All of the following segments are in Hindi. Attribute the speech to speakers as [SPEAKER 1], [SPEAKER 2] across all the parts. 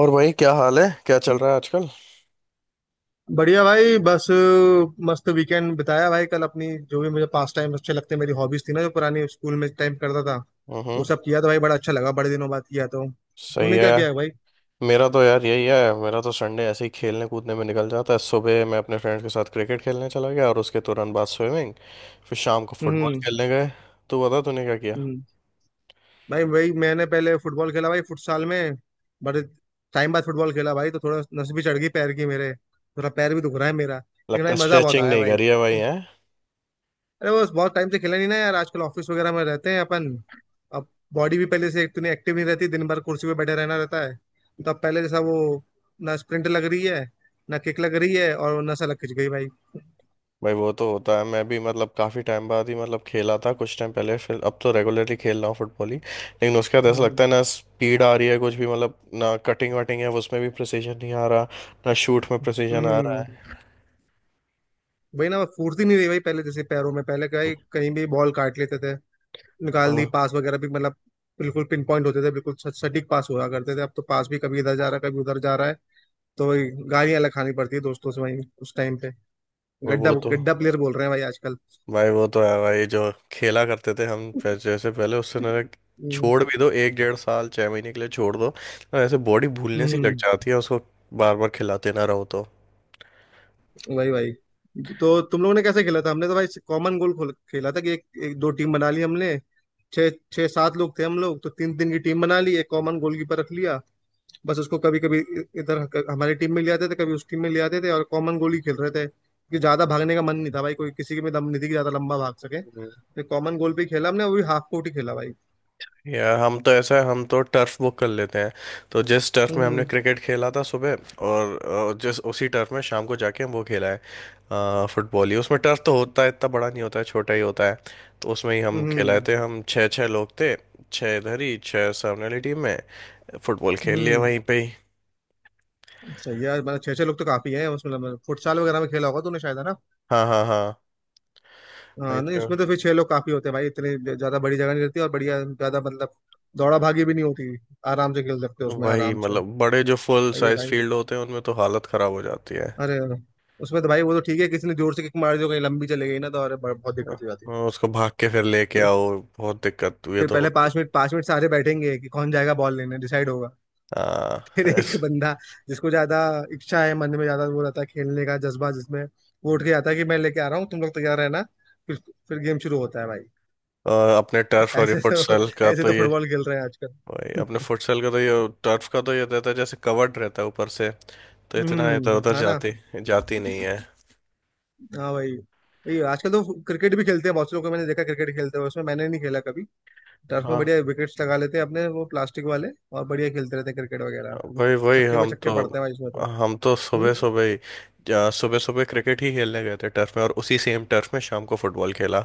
[SPEAKER 1] और भाई क्या हाल है? क्या चल रहा है आजकल?
[SPEAKER 2] बढ़िया भाई। बस मस्त वीकेंड बिताया भाई। कल अपनी जो भी मुझे पास टाइम अच्छे लगते, मेरी हॉबीज थी ना जो पुरानी स्कूल में टाइम करता था, वो
[SPEAKER 1] हम्म।
[SPEAKER 2] सब किया तो भाई बड़ा अच्छा लगा। बड़े दिनों बाद किया तो।
[SPEAKER 1] सही
[SPEAKER 2] तूने
[SPEAKER 1] है।
[SPEAKER 2] क्या किया है भाई?
[SPEAKER 1] मेरा तो यार यही है, मेरा तो संडे ऐसे ही खेलने कूदने में निकल जाता है। सुबह मैं अपने फ्रेंड्स के साथ क्रिकेट खेलने चला गया और उसके तुरंत बाद स्विमिंग। फिर शाम को फुटबॉल
[SPEAKER 2] हम्म।
[SPEAKER 1] खेलने गए। तू बता तूने क्या किया?
[SPEAKER 2] हम्म। भाई भाई मैंने पहले फुटबॉल खेला भाई, फुटसाल में। बड़े टाइम बाद फुटबॉल खेला भाई, तो थोड़ा नस भी चढ़ गई पैर की मेरे। थोड़ा पैर भी दुख रहा है मेरा, लेकिन
[SPEAKER 1] लगता
[SPEAKER 2] भाई
[SPEAKER 1] है
[SPEAKER 2] मजा बहुत
[SPEAKER 1] स्ट्रेचिंग
[SPEAKER 2] आया
[SPEAKER 1] नहीं
[SPEAKER 2] भाई।
[SPEAKER 1] करी है भाई, है?
[SPEAKER 2] अरे बस बहुत टाइम से खेला नहीं ना यार। आजकल ऑफिस वगैरह में रहते हैं अपन। अब बॉडी भी पहले से इतनी एक्टिव नहीं रहती, दिन भर कुर्सी पे बैठे रहना रहता है। तो अब पहले जैसा वो, ना स्प्रिंट लग रही है ना किक लग रही है, और नसा लग खिंच गई भाई।
[SPEAKER 1] भाई वो तो होता है। मैं भी मतलब काफ़ी टाइम बाद ही मतलब खेला था कुछ टाइम पहले, फिर अब तो रेगुलरली खेल रहा हूँ फुटबॉल ही। लेकिन उसके बाद ऐसा
[SPEAKER 2] हम्म।
[SPEAKER 1] लगता है ना, स्पीड आ रही है कुछ भी, मतलब ना कटिंग वटिंग है उसमें भी प्रिसीजन नहीं आ रहा, ना शूट में प्रिसीजन आ रहा
[SPEAKER 2] हम्म।
[SPEAKER 1] है।
[SPEAKER 2] वही ना, फुर्ती नहीं रही भाई पहले जैसे पैरों में। पहले कहीं कहीं भी बॉल काट लेते थे, निकाल दी,
[SPEAKER 1] हाँ।
[SPEAKER 2] पास वगैरह भी मतलब बिल्कुल पिन पॉइंट होते थे, बिल्कुल सटीक पास हुआ करते थे। अब तो पास भी कभी इधर जा रहा है कभी उधर जा रहा है, तो गालियां अलग खानी पड़ती है दोस्तों से वहीं उस टाइम पे।
[SPEAKER 1] वो
[SPEAKER 2] गड्ढा
[SPEAKER 1] वो तो
[SPEAKER 2] गड्ढा प्लेयर बोल रहे हैं भाई आजकल।
[SPEAKER 1] भाई वो तो है भाई, जो खेला करते थे हम, फिर जैसे पहले उससे ना,
[SPEAKER 2] हम्म।
[SPEAKER 1] छोड़ भी दो एक 1.5 साल, 6 महीने के लिए छोड़ दो, तो ऐसे बॉडी भूलने सी लग
[SPEAKER 2] हम्म।
[SPEAKER 1] जाती है उसको, बार बार खिलाते ना रहो तो।
[SPEAKER 2] वही वही। तो तुम लोगों ने कैसे खेला था? हमने तो भाई कॉमन गोल खोल खेला था कि एक, एक दो टीम बना ली हमने। छः छः सात लोग थे हम लोग, तो तीन तीन की टीम बना ली, एक कॉमन गोलकीपर रख लिया। बस उसको कभी कभी इधर हमारी टीम में ले आते थे, कभी उस टीम में ले आते थे, और कॉमन गोल ही खेल रहे थे। कि ज्यादा भागने का मन नहीं था भाई, कोई किसी के में दम नहीं थी कि ज्यादा लंबा भाग सके,
[SPEAKER 1] हम्म।
[SPEAKER 2] तो कॉमन गोल पे ही खेला हमने, वो भी हाफ कोर्ट ही खेला भाई।
[SPEAKER 1] यार हम तो ऐसा है, हम तो टर्फ बुक कर लेते हैं। तो जिस टर्फ में हमने
[SPEAKER 2] हम्म।
[SPEAKER 1] क्रिकेट खेला था सुबह और जिस उसी टर्फ में शाम को जाके हम वो खेला है, फुटबॉल ही। उसमें टर्फ तो होता है, इतना बड़ा नहीं होता है, छोटा ही होता है। तो उसमें ही हम खेलाए
[SPEAKER 2] हम्म।
[SPEAKER 1] थे, हम छः छः लोग थे। छः इधर ही, छः सामने वाली टीम में। फुटबॉल खेल
[SPEAKER 2] हम्म।
[SPEAKER 1] लिया
[SPEAKER 2] हम्म।
[SPEAKER 1] वहीं पे ही।
[SPEAKER 2] सही है यार, मतलब छः छः लोग तो काफी है उसमें, मतलब फुटसाल वगैरह में खेला होगा तूने शायद, है ना?
[SPEAKER 1] हाँ हाँ हाँ।
[SPEAKER 2] हाँ,
[SPEAKER 1] वहीं
[SPEAKER 2] नहीं
[SPEAKER 1] पे
[SPEAKER 2] उसमें तो फिर छह लोग काफी होते हैं भाई। इतनी ज्यादा बड़ी जगह नहीं रहती, और बढ़िया, ज्यादा मतलब दौड़ा भागी भी नहीं होती। आराम से खेल सकते हो उसमें,
[SPEAKER 1] वही
[SPEAKER 2] आराम से।
[SPEAKER 1] मतलब बड़े जो फुल
[SPEAKER 2] सही है
[SPEAKER 1] साइज
[SPEAKER 2] भाई।
[SPEAKER 1] फील्ड होते हैं उनमें तो हालत खराब हो जाती है।
[SPEAKER 2] अरे उसमें तो भाई वो तो ठीक है, किसी ने जोर से किक मार दी हो, कहीं लंबी चले गई ना, तो अरे बहुत दिक्कत हो जाती है।
[SPEAKER 1] हाँ, उसको भाग के फिर लेके
[SPEAKER 2] फिर
[SPEAKER 1] आओ, बहुत दिक्कत हुई
[SPEAKER 2] फिर
[SPEAKER 1] तो
[SPEAKER 2] पहले
[SPEAKER 1] होती
[SPEAKER 2] पांच
[SPEAKER 1] है।
[SPEAKER 2] मिनट पांच मिनट सारे बैठेंगे कि कौन जाएगा बॉल लेने, डिसाइड होगा। फिर
[SPEAKER 1] हाँ
[SPEAKER 2] एक
[SPEAKER 1] इस-
[SPEAKER 2] बंदा, जिसको ज्यादा इच्छा है मन में, ज्यादा वो रहता है खेलने का जज्बा जिसमें, वो उठ के आता है कि मैं लेके आ रहा हूँ, तुम लोग तैयार रहना। फिर फिर गेम शुरू होता है भाई।
[SPEAKER 1] और अपने टर्फ और ये
[SPEAKER 2] ऐसे तो
[SPEAKER 1] फुटसल का
[SPEAKER 2] ऐसे
[SPEAKER 1] तो
[SPEAKER 2] तो
[SPEAKER 1] ये,
[SPEAKER 2] फुटबॉल खेल रहे हैं
[SPEAKER 1] वही अपने
[SPEAKER 2] आजकल।
[SPEAKER 1] फुटसल का तो ये, टर्फ का तो ये रहता है जैसे कवर्ड रहता है ऊपर से, तो इतना इधर
[SPEAKER 2] हम्म,
[SPEAKER 1] उधर
[SPEAKER 2] है ना?
[SPEAKER 1] जाती जाती नहीं है।
[SPEAKER 2] हाँ भाई। ये आजकल तो क्रिकेट भी खेलते हैं, बहुत से लोग को मैंने देखा क्रिकेट खेलते हुए। उसमें मैंने नहीं खेला कभी। टर्फ में बढ़िया
[SPEAKER 1] हाँ।
[SPEAKER 2] विकेट्स लगा लेते हैं अपने, वो प्लास्टिक वाले, और बढ़िया खेलते रहते हैं क्रिकेट वगैरह।
[SPEAKER 1] वही वही
[SPEAKER 2] छक्के पे
[SPEAKER 1] हम
[SPEAKER 2] छक्के
[SPEAKER 1] तो
[SPEAKER 2] पड़ते हैं भाई इसमें तो।
[SPEAKER 1] हम तो
[SPEAKER 2] हम्म?
[SPEAKER 1] सुबह सुबह ही सुबह सुबह क्रिकेट ही खेलने गए थे टर्फ में, और उसी सेम टर्फ में शाम को फुटबॉल खेला।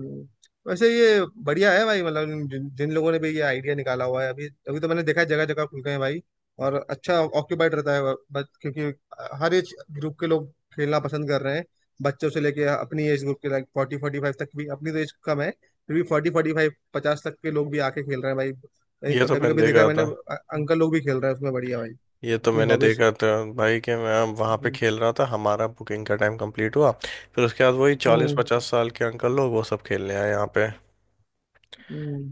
[SPEAKER 2] हम्म। वैसे ये बढ़िया है भाई, मतलब जिन लोगों ने भी ये आइडिया निकाला हुआ है, अभी अभी तो मैंने देखा है जगह जगह खुल गए हैं भाई। और अच्छा ऑक्यूपाइड रहता है बस, क्योंकि हर एज ग्रुप के लोग खेलना पसंद कर रहे हैं। बच्चों से लेके अपनी एज ग्रुप के, लाइक फोर्टी फोर्टी फाइव तक भी। अपनी तो एज कम है, फिर भी फोर्टी फोर्टी फाइव पचास तक के लोग भी आके खेल रहे हैं भाई।
[SPEAKER 1] ये तो
[SPEAKER 2] कभी
[SPEAKER 1] मैंने
[SPEAKER 2] कभी देखा है
[SPEAKER 1] देखा
[SPEAKER 2] मैंने
[SPEAKER 1] था।
[SPEAKER 2] अंकल लोग भी खेल रहे हैं उसमें, बढ़िया भाई।
[SPEAKER 1] ये तो
[SPEAKER 2] अपनी
[SPEAKER 1] मैंने
[SPEAKER 2] हॉबीज।
[SPEAKER 1] देखा था भाई, कि मैं वहाँ पे
[SPEAKER 2] हम्म।
[SPEAKER 1] खेल रहा था, हमारा बुकिंग का टाइम कंप्लीट हुआ, फिर उसके बाद वही चालीस
[SPEAKER 2] हम्म।
[SPEAKER 1] पचास साल के अंकल लोग वो सब खेलने आए यहाँ पे।
[SPEAKER 2] हम्म।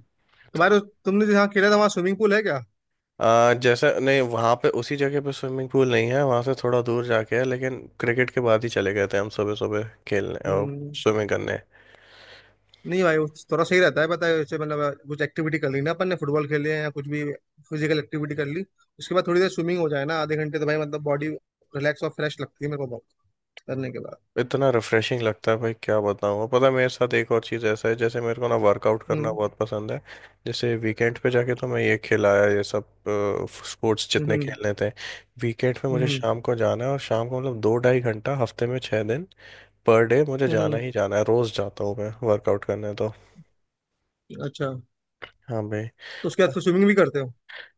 [SPEAKER 2] तुम्हारे तुमने जहाँ खेला था वहाँ स्विमिंग पूल है क्या?
[SPEAKER 1] आ, जैसे नहीं वहाँ पे उसी जगह पे स्विमिंग पूल नहीं है, वहाँ से थोड़ा दूर जाके है, लेकिन क्रिकेट के बाद ही चले गए थे हम सुबह सुबह खेलने और
[SPEAKER 2] हम्म।
[SPEAKER 1] स्विमिंग करने।
[SPEAKER 2] नहीं भाई, वो तो थोड़ा सही रहता है, पता है? जैसे मतलब कुछ एक्टिविटी कर ली ना अपन ने, फुटबॉल खेले या कुछ भी फिजिकल एक्टिविटी कर ली, उसके बाद थोड़ी देर स्विमिंग हो जाए ना, आधे घंटे, तो भाई मतलब बॉडी रिलैक्स और फ्रेश लगती है मेरे को बहुत, करने के बाद।
[SPEAKER 1] इतना रिफ्रेशिंग लगता है भाई, क्या बताऊँ। पता है मेरे साथ एक और चीज़ ऐसा है, जैसे मेरे को ना वर्कआउट करना
[SPEAKER 2] हम्म।
[SPEAKER 1] बहुत पसंद है। जैसे वीकेंड पे जाके तो मैं ये खिलाया ये सब स्पोर्ट्स
[SPEAKER 2] हम्म।
[SPEAKER 1] जितने
[SPEAKER 2] हम्म।
[SPEAKER 1] खेलने थे, वीकेंड पे मुझे
[SPEAKER 2] हम्म।
[SPEAKER 1] शाम को जाना है। और शाम को मतलब 2-2.5 घंटा हफ्ते में 6 दिन पर डे मुझे
[SPEAKER 2] हम्म।
[SPEAKER 1] जाना
[SPEAKER 2] हम्म।
[SPEAKER 1] ही जाना है, रोज़ जाता हूँ मैं वर्कआउट करने तो।
[SPEAKER 2] अच्छा।
[SPEAKER 1] हाँ भाई।
[SPEAKER 2] तो उसके बाद फिर स्विमिंग भी करते हो?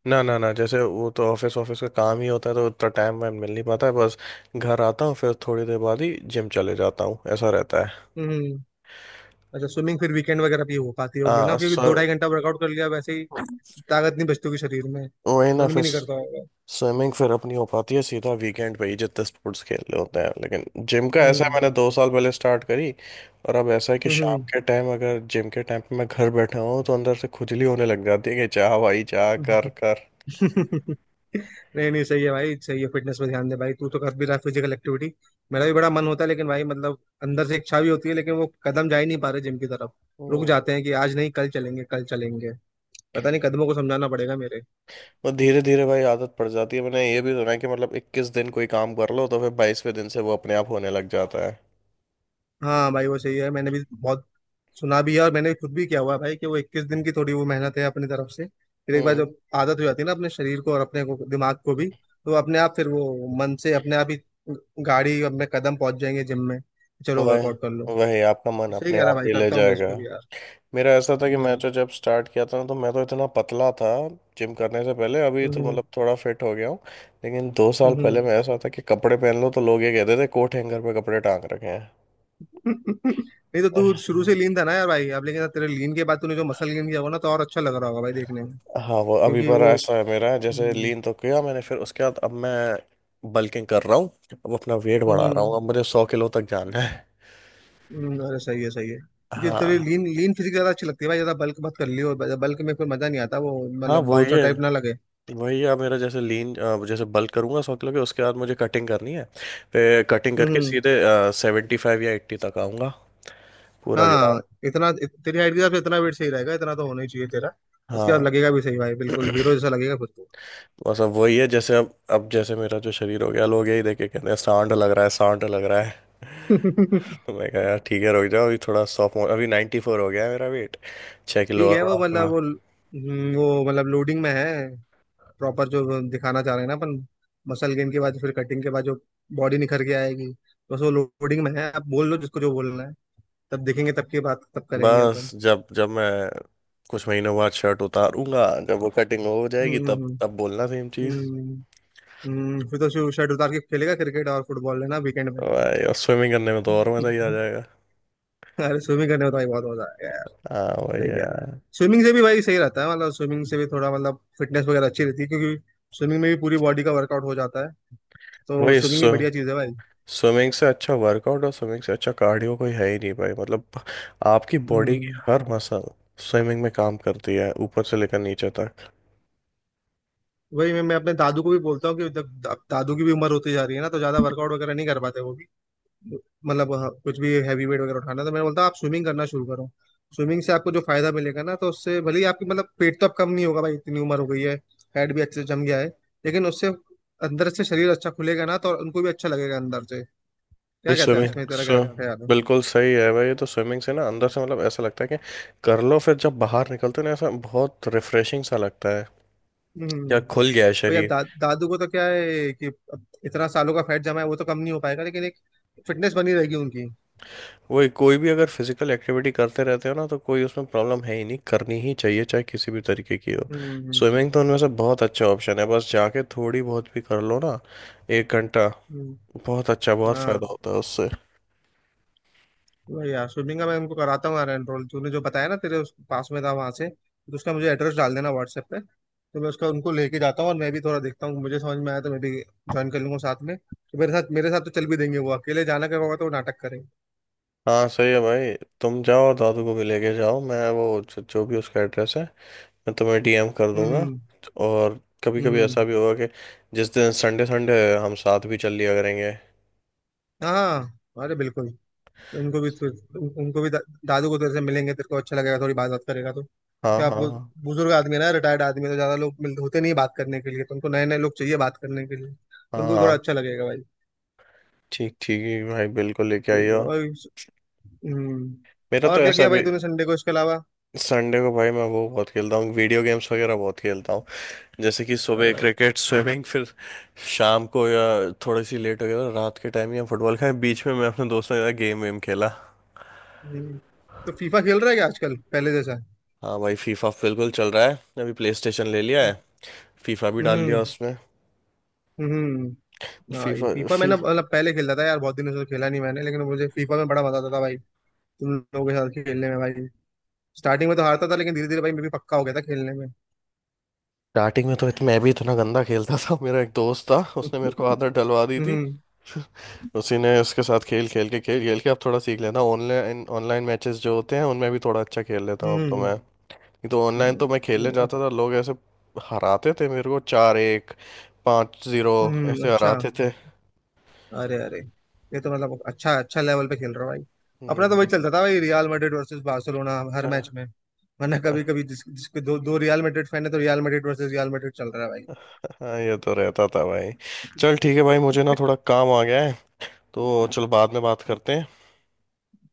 [SPEAKER 1] ना ना ना, जैसे वो तो ऑफिस ऑफिस का काम ही होता है, तो उतना टाइम मैं मिल नहीं पाता है। बस घर आता हूँ फिर थोड़ी देर बाद ही जिम चले जाता हूँ, ऐसा रहता है।
[SPEAKER 2] हम्म। हम्म। अच्छा, स्विमिंग फिर वीकेंड वगैरह भी हो पाती होगी ना,
[SPEAKER 1] हाँ
[SPEAKER 2] क्योंकि दो ढाई
[SPEAKER 1] सो,
[SPEAKER 2] घंटा वर्कआउट कर लिया वैसे ही, ताकत नहीं बचती होगी शरीर में,
[SPEAKER 1] वही ना
[SPEAKER 2] मन भी
[SPEAKER 1] फिर
[SPEAKER 2] नहीं करता होगा।
[SPEAKER 1] स्विमिंग फिर अपनी हो पाती है सीधा वीकेंड पे ही जितने स्पोर्ट्स खेलने होते हैं, लेकिन जिम का ऐसा है
[SPEAKER 2] हम्म।
[SPEAKER 1] मैंने 2 साल पहले स्टार्ट करी, और अब ऐसा है कि शाम
[SPEAKER 2] हम्म।
[SPEAKER 1] के टाइम अगर जिम के टाइम पे मैं घर बैठा हूँ तो अंदर से खुजली होने लग जाती है कि चाह भाई चाह कर
[SPEAKER 2] हम्म।
[SPEAKER 1] कर।
[SPEAKER 2] नहीं नहीं, सही है भाई, सही है। फिटनेस पे ध्यान दे भाई, तू तो कर भी रहा है फिजिकल एक्टिविटी। मेरा भी बड़ा मन होता है लेकिन भाई, मतलब अंदर से इच्छा भी होती है लेकिन वो कदम जा ही नहीं पा रहे जिम की तरफ। रुक जाते
[SPEAKER 1] हम्म।
[SPEAKER 2] हैं कि आज नहीं कल चलेंगे, कल चलेंगे। पता नहीं, कदमों को समझाना पड़ेगा मेरे।
[SPEAKER 1] वो धीरे धीरे भाई आदत पड़ जाती है। मैंने ये भी सुना है कि मतलब 21 दिन कोई काम कर लो तो फिर 22वें दिन से वो अपने आप होने लग जाता है।
[SPEAKER 2] हाँ भाई वो सही है, मैंने भी बहुत सुना भी है, और मैंने खुद भी किया हुआ है भाई, कि वो 21 दिन की थोड़ी वो मेहनत है अपनी तरफ से। फिर एक बार
[SPEAKER 1] हम्म।
[SPEAKER 2] जब आदत हो जाती है ना अपने शरीर को और अपने को दिमाग को भी, तो अपने आप फिर वो मन से अपने आप ही गाड़ी, अपने कदम पहुंच जाएंगे जिम में, चलो वर्कआउट कर
[SPEAKER 1] वही
[SPEAKER 2] लो।
[SPEAKER 1] वही आपका मन
[SPEAKER 2] सही
[SPEAKER 1] अपने
[SPEAKER 2] कह रहा
[SPEAKER 1] आप
[SPEAKER 2] भाई,
[SPEAKER 1] ही ले
[SPEAKER 2] करता हूँ मैं
[SPEAKER 1] जाएगा।
[SPEAKER 2] इसको भी यार।
[SPEAKER 1] मेरा ऐसा था कि मैं
[SPEAKER 2] हम्म।
[SPEAKER 1] तो जब स्टार्ट किया था तो मैं तो इतना पतला था जिम करने से पहले। अभी तो
[SPEAKER 2] हम्म।
[SPEAKER 1] मतलब थोड़ा फिट हो गया हूँ, लेकिन 2 साल पहले
[SPEAKER 2] हम्म।
[SPEAKER 1] मैं ऐसा था कि कपड़े पहन लो तो लोग ये कहते थे कोट हैंगर पे कपड़े टांग रखे हैं।
[SPEAKER 2] नहीं, तो तू शुरू से लीन था ना यार भाई, अब लेकिन तेरे लीन के बाद तूने जो मसल गेन किया होगा ना, तो और अच्छा लग रहा होगा भाई देखने में,
[SPEAKER 1] हाँ वो अभी
[SPEAKER 2] क्योंकि
[SPEAKER 1] पर
[SPEAKER 2] वो।
[SPEAKER 1] ऐसा है मेरा, जैसे
[SPEAKER 2] हम्म।
[SPEAKER 1] लीन तो किया मैंने, फिर उसके बाद अब मैं बल्किंग कर रहा हूँ। अब अपना वेट बढ़ा रहा
[SPEAKER 2] हम्म।
[SPEAKER 1] हूँ, अब मुझे 100 किलो तक जाना है।
[SPEAKER 2] हम्म। अरे सही है, सही है, क्योंकि तेरी
[SPEAKER 1] हाँ
[SPEAKER 2] लीन लीन फिजिक ज्यादा अच्छी लगती है भाई, ज्यादा बल्क मत कर लियो, बल्क में फिर मजा नहीं आता, वो
[SPEAKER 1] हाँ
[SPEAKER 2] मतलब
[SPEAKER 1] वो
[SPEAKER 2] बाउंसर
[SPEAKER 1] ये,
[SPEAKER 2] टाइप ना लगे।
[SPEAKER 1] वही यार मेरा जैसे लीन, जैसे बल्क करूंगा 100 किलो के उसके बाद मुझे कटिंग करनी है, फिर कटिंग करके
[SPEAKER 2] हम्म।
[SPEAKER 1] सीधे 75 या 80 तक आऊंगा, पूरा गिरा।
[SPEAKER 2] हाँ, तेरी हाइट के हिसाब से इतना वेट सही रहेगा, इतना तो होना ही चाहिए तेरा। उसके
[SPEAKER 1] हाँ।
[SPEAKER 2] बाद लगेगा भी सही भाई, बिल्कुल हीरो जैसा लगेगा खुद
[SPEAKER 1] बस अब वही है, जैसे अब जैसे मेरा जो शरीर हो गया लोग यही देख के कहते हैं सांड लग रहा है, सांड लग रहा है।
[SPEAKER 2] को।
[SPEAKER 1] तो मैं कहा यार ठीक है रुक जाओ, अभी थोड़ा सॉफ्ट, अभी 94 हो गया है मेरा वेट, 6 किलो
[SPEAKER 2] ठीक
[SPEAKER 1] और
[SPEAKER 2] है,
[SPEAKER 1] बढ़ाऊंगा।
[SPEAKER 2] वो मतलब लोडिंग में है, प्रॉपर जो दिखाना चाह रहे हैं ना अपन। मसल गेन के बाद, फिर कटिंग के बाद जो बॉडी निखर के आएगी, तो बस वो लोडिंग में है, आप बोल लो जिसको जो बोलना है। तब देखेंगे, तब की बात तब करेंगे अपन।
[SPEAKER 1] बस जब जब मैं कुछ महीनों बाद शर्ट उतारूंगा, जब वो कटिंग हो जाएगी,
[SPEAKER 2] हम्म।
[SPEAKER 1] तब
[SPEAKER 2] हम्म।
[SPEAKER 1] तब बोलना सेम चीज।
[SPEAKER 2] हम्म। हम्म। हम्म। फिर तो शर्ट उतार के खेलेगा क्रिकेट और फुटबॉल लेना वीकेंड में।
[SPEAKER 1] तो भाई और स्विमिंग करने में तो और मजा ही आ जाएगा।
[SPEAKER 2] अरे स्विमिंग करने में तो भाई बहुत मजा आएगा यार।
[SPEAKER 1] हाँ वही
[SPEAKER 2] सही
[SPEAKER 1] है
[SPEAKER 2] कह रहा है।
[SPEAKER 1] यार।
[SPEAKER 2] स्विमिंग से भी भाई सही रहता है, मतलब स्विमिंग से भी थोड़ा मतलब फिटनेस वगैरह अच्छी रहती है, क्योंकि स्विमिंग में भी पूरी बॉडी का वर्कआउट हो जाता है।
[SPEAKER 1] वही
[SPEAKER 2] तो
[SPEAKER 1] बिल्कुल
[SPEAKER 2] स्विमिंग भी
[SPEAKER 1] स्विम
[SPEAKER 2] बढ़िया चीज़ है भाई।
[SPEAKER 1] स्विमिंग से अच्छा वर्कआउट और स्विमिंग से अच्छा कार्डियो कोई है ही नहीं भाई, मतलब आपकी बॉडी की
[SPEAKER 2] हम्म।
[SPEAKER 1] हर मसल स्विमिंग में काम करती है, ऊपर से लेकर नीचे तक।
[SPEAKER 2] वही मैं अपने दादू को भी बोलता हूँ कि जब अब दादू की भी उम्र होती जा रही है ना, तो ज्यादा वर्कआउट वगैरह नहीं कर पाते वो भी, मतलब हाँ, कुछ भी हैवी वेट वगैरह उठाना, तो मैं बोलता हूँ आप स्विमिंग करना शुरू करो। स्विमिंग से आपको जो फायदा मिलेगा ना, तो उससे भले ही आपकी मतलब पेट तो अब कम नहीं होगा भाई, इतनी उम्र हो गई है, फैट भी अच्छे से जम गया है, लेकिन उससे अंदर से शरीर अच्छा खुलेगा ना, तो उनको भी अच्छा लगेगा अंदर से।
[SPEAKER 1] भाई
[SPEAKER 2] क्या
[SPEAKER 1] सही
[SPEAKER 2] कहता है
[SPEAKER 1] स्विमिंग
[SPEAKER 2] इसमें,
[SPEAKER 1] बात
[SPEAKER 2] तेरा क्या
[SPEAKER 1] स्विम
[SPEAKER 2] ख्याल है?
[SPEAKER 1] बिल्कुल सही है भाई, ये तो स्विमिंग से ना अंदर से मतलब ऐसा लगता है कि कर लो फिर जब बाहर निकलते हो ना, ऐसा बहुत रिफ्रेशिंग सा लगता है, क्या
[SPEAKER 2] हम्म।
[SPEAKER 1] खुल गया है
[SPEAKER 2] भैया
[SPEAKER 1] शरीर।
[SPEAKER 2] दादू को तो क्या है कि अब इतना सालों का फैट जमा है, वो तो कम नहीं हो पाएगा, लेकिन एक फिटनेस बनी रहेगी उनकी।
[SPEAKER 1] वही, कोई भी अगर फिजिकल एक्टिविटी करते रहते हो ना तो कोई उसमें प्रॉब्लम है ही नहीं, करनी ही चाहिए चाहे किसी भी तरीके की हो।
[SPEAKER 2] हम्म।
[SPEAKER 1] स्विमिंग तो उनमें से बहुत अच्छा ऑप्शन है, बस जाके थोड़ी बहुत भी कर लो ना 1 घंटा,
[SPEAKER 2] हम्म।
[SPEAKER 1] बहुत अच्छा, बहुत
[SPEAKER 2] हाँ
[SPEAKER 1] फायदा होता है उससे।
[SPEAKER 2] वही यार, स्विमिंग का मैं उनको कराता हूँ यार एनरोल, तूने जो बताया ना तेरे उस पास में था वहां से, तो उसका मुझे एड्रेस डाल देना व्हाट्सएप पे, तो मैं उसका उनको लेके जाता हूँ और मैं भी थोड़ा देखता हूँ, मुझे समझ में आया तो मैं भी ज्वाइन कर लूंगा साथ में। तो मेरे साथ तो चल भी देंगे वो, अकेले जाना का होगा तो वो नाटक करेंगे।
[SPEAKER 1] हाँ। सही है भाई। तुम जाओ और दादू को भी लेके जाओ, मैं वो जो भी उसका एड्रेस है मैं तुम्हें डीएम कर दूंगा।
[SPEAKER 2] हम्म।
[SPEAKER 1] और कभी कभी
[SPEAKER 2] हम्म।
[SPEAKER 1] ऐसा भी होगा कि जिस दिन संडे संडे है, हम साथ भी चल लिया करेंगे।
[SPEAKER 2] हाँ हाँ, अरे बिल्कुल। उनको भी उनको भी दादू को तेरे से मिलेंगे, तेरे को अच्छा लगेगा, थोड़ी बात बात करेगा तो।
[SPEAKER 1] हाँ
[SPEAKER 2] क्या आपको,
[SPEAKER 1] हाँ
[SPEAKER 2] बुजुर्ग आदमी है ना, रिटायर्ड आदमी है, तो ज्यादा लोग मिलते होते नहीं बात करने के लिए, तो उनको नए नए लोग चाहिए बात करने के लिए,
[SPEAKER 1] हाँ।
[SPEAKER 2] तो उनको भी थोड़ा
[SPEAKER 1] हाँ,
[SPEAKER 2] अच्छा लगेगा भाई।
[SPEAKER 1] ठीक ठीक है भाई, बिल्कुल लेके
[SPEAKER 2] ठीक है।
[SPEAKER 1] आइयो।
[SPEAKER 2] हम्म
[SPEAKER 1] मेरा
[SPEAKER 2] और
[SPEAKER 1] तो
[SPEAKER 2] क्या
[SPEAKER 1] ऐसा
[SPEAKER 2] किया भाई
[SPEAKER 1] भी,
[SPEAKER 2] तूने संडे को इसके अलावा?
[SPEAKER 1] संडे को भाई मैं वो बहुत खेलता हूँ वीडियो गेम्स वगैरह बहुत खेलता हूँ, जैसे कि
[SPEAKER 2] अरे
[SPEAKER 1] सुबह
[SPEAKER 2] भाई।
[SPEAKER 1] क्रिकेट स्विमिंग, फिर शाम को या थोड़ी सी लेट हो गया तो रात के टाइम या फुटबॉल खेला, बीच में मैं अपने दोस्तों के साथ गेम वेम खेला।
[SPEAKER 2] हम्म तो फीफा खेल रहा है क्या आजकल पहले जैसा?
[SPEAKER 1] हाँ भाई, फीफा बिल्कुल चल रहा है। अभी प्ले स्टेशन ले लिया है, फीफा भी डाल लिया
[SPEAKER 2] हम्म।
[SPEAKER 1] उसमें।
[SPEAKER 2] हम्म। हाँ ये
[SPEAKER 1] फीफा
[SPEAKER 2] फीफा
[SPEAKER 1] फी,
[SPEAKER 2] मैंने मतलब पहले खेलता था यार, बहुत दिनों से तो खेला नहीं मैंने, लेकिन मुझे फीफा में बड़ा मजा आता था भाई, तुम लोगों के साथ खेलने में भाई। स्टार्टिंग में तो हारता था, लेकिन धीरे धीरे भाई मैं भी पक्का हो गया था खेलने में।
[SPEAKER 1] स्टार्टिंग में तो मैं भी इतना गंदा खेलता था। मेरा एक दोस्त था उसने मेरे को आदत डलवा दी थी,
[SPEAKER 2] हम्म।
[SPEAKER 1] उसी ने उसके साथ खेल खेल के अब थोड़ा सीख लेता हूँ। ऑनलाइन ऑनलाइन मैचेस जो होते हैं उनमें भी थोड़ा अच्छा खेल लेता हूँ अब तो
[SPEAKER 2] हम्म।
[SPEAKER 1] मैं। ये तो ऑनलाइन तो मैं खेलने
[SPEAKER 2] हम्म। अब
[SPEAKER 1] जाता था, लोग ऐसे हराते थे मेरे को, 4-1, 5-0,
[SPEAKER 2] हम्म,
[SPEAKER 1] ऐसे
[SPEAKER 2] अच्छा।
[SPEAKER 1] हराते थे।
[SPEAKER 2] अरे अरे, ये तो मतलब अच्छा अच्छा लेवल पे खेल रहा हो भाई। अपना तो वही
[SPEAKER 1] हम्म।
[SPEAKER 2] चलता था भाई, रियल मैड्रिड वर्सेस बार्सिलोना हर मैच
[SPEAKER 1] हाँ
[SPEAKER 2] में। वरना कभी कभी जिसके दो दो रियल मैड्रिड फैन है, तो Real Madrid versus Real Madrid चल रहा है भाई।
[SPEAKER 1] हाँ, ये तो रहता था भाई। चल ठीक है भाई, मुझे ना थोड़ा काम आ गया है, तो चल बाद में बात करते हैं।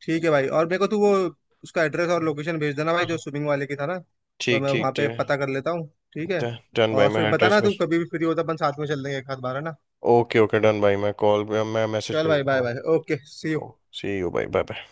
[SPEAKER 2] ठीक है भाई, और मेरे को तू वो उसका एड्रेस और लोकेशन भेज देना भाई, जो
[SPEAKER 1] हाँ।
[SPEAKER 2] स्विमिंग वाले की था ना, तो
[SPEAKER 1] ठीक
[SPEAKER 2] मैं वहां
[SPEAKER 1] ठीक,
[SPEAKER 2] पे पता कर लेता हूँ। ठीक है,
[SPEAKER 1] डन भाई
[SPEAKER 2] और
[SPEAKER 1] मैं
[SPEAKER 2] फिर
[SPEAKER 1] एड्रेस
[SPEAKER 2] बताना
[SPEAKER 1] में।
[SPEAKER 2] तू कभी भी फ्री होता, अपन साथ में चल देंगे एक आध बार, है ना?
[SPEAKER 1] ओके ओके डन भाई, मैं मैसेज
[SPEAKER 2] चल
[SPEAKER 1] भेज
[SPEAKER 2] भाई, बाय
[SPEAKER 1] दूंगा।
[SPEAKER 2] Bye, okay, see you.
[SPEAKER 1] Oh, see you भाई, बाय।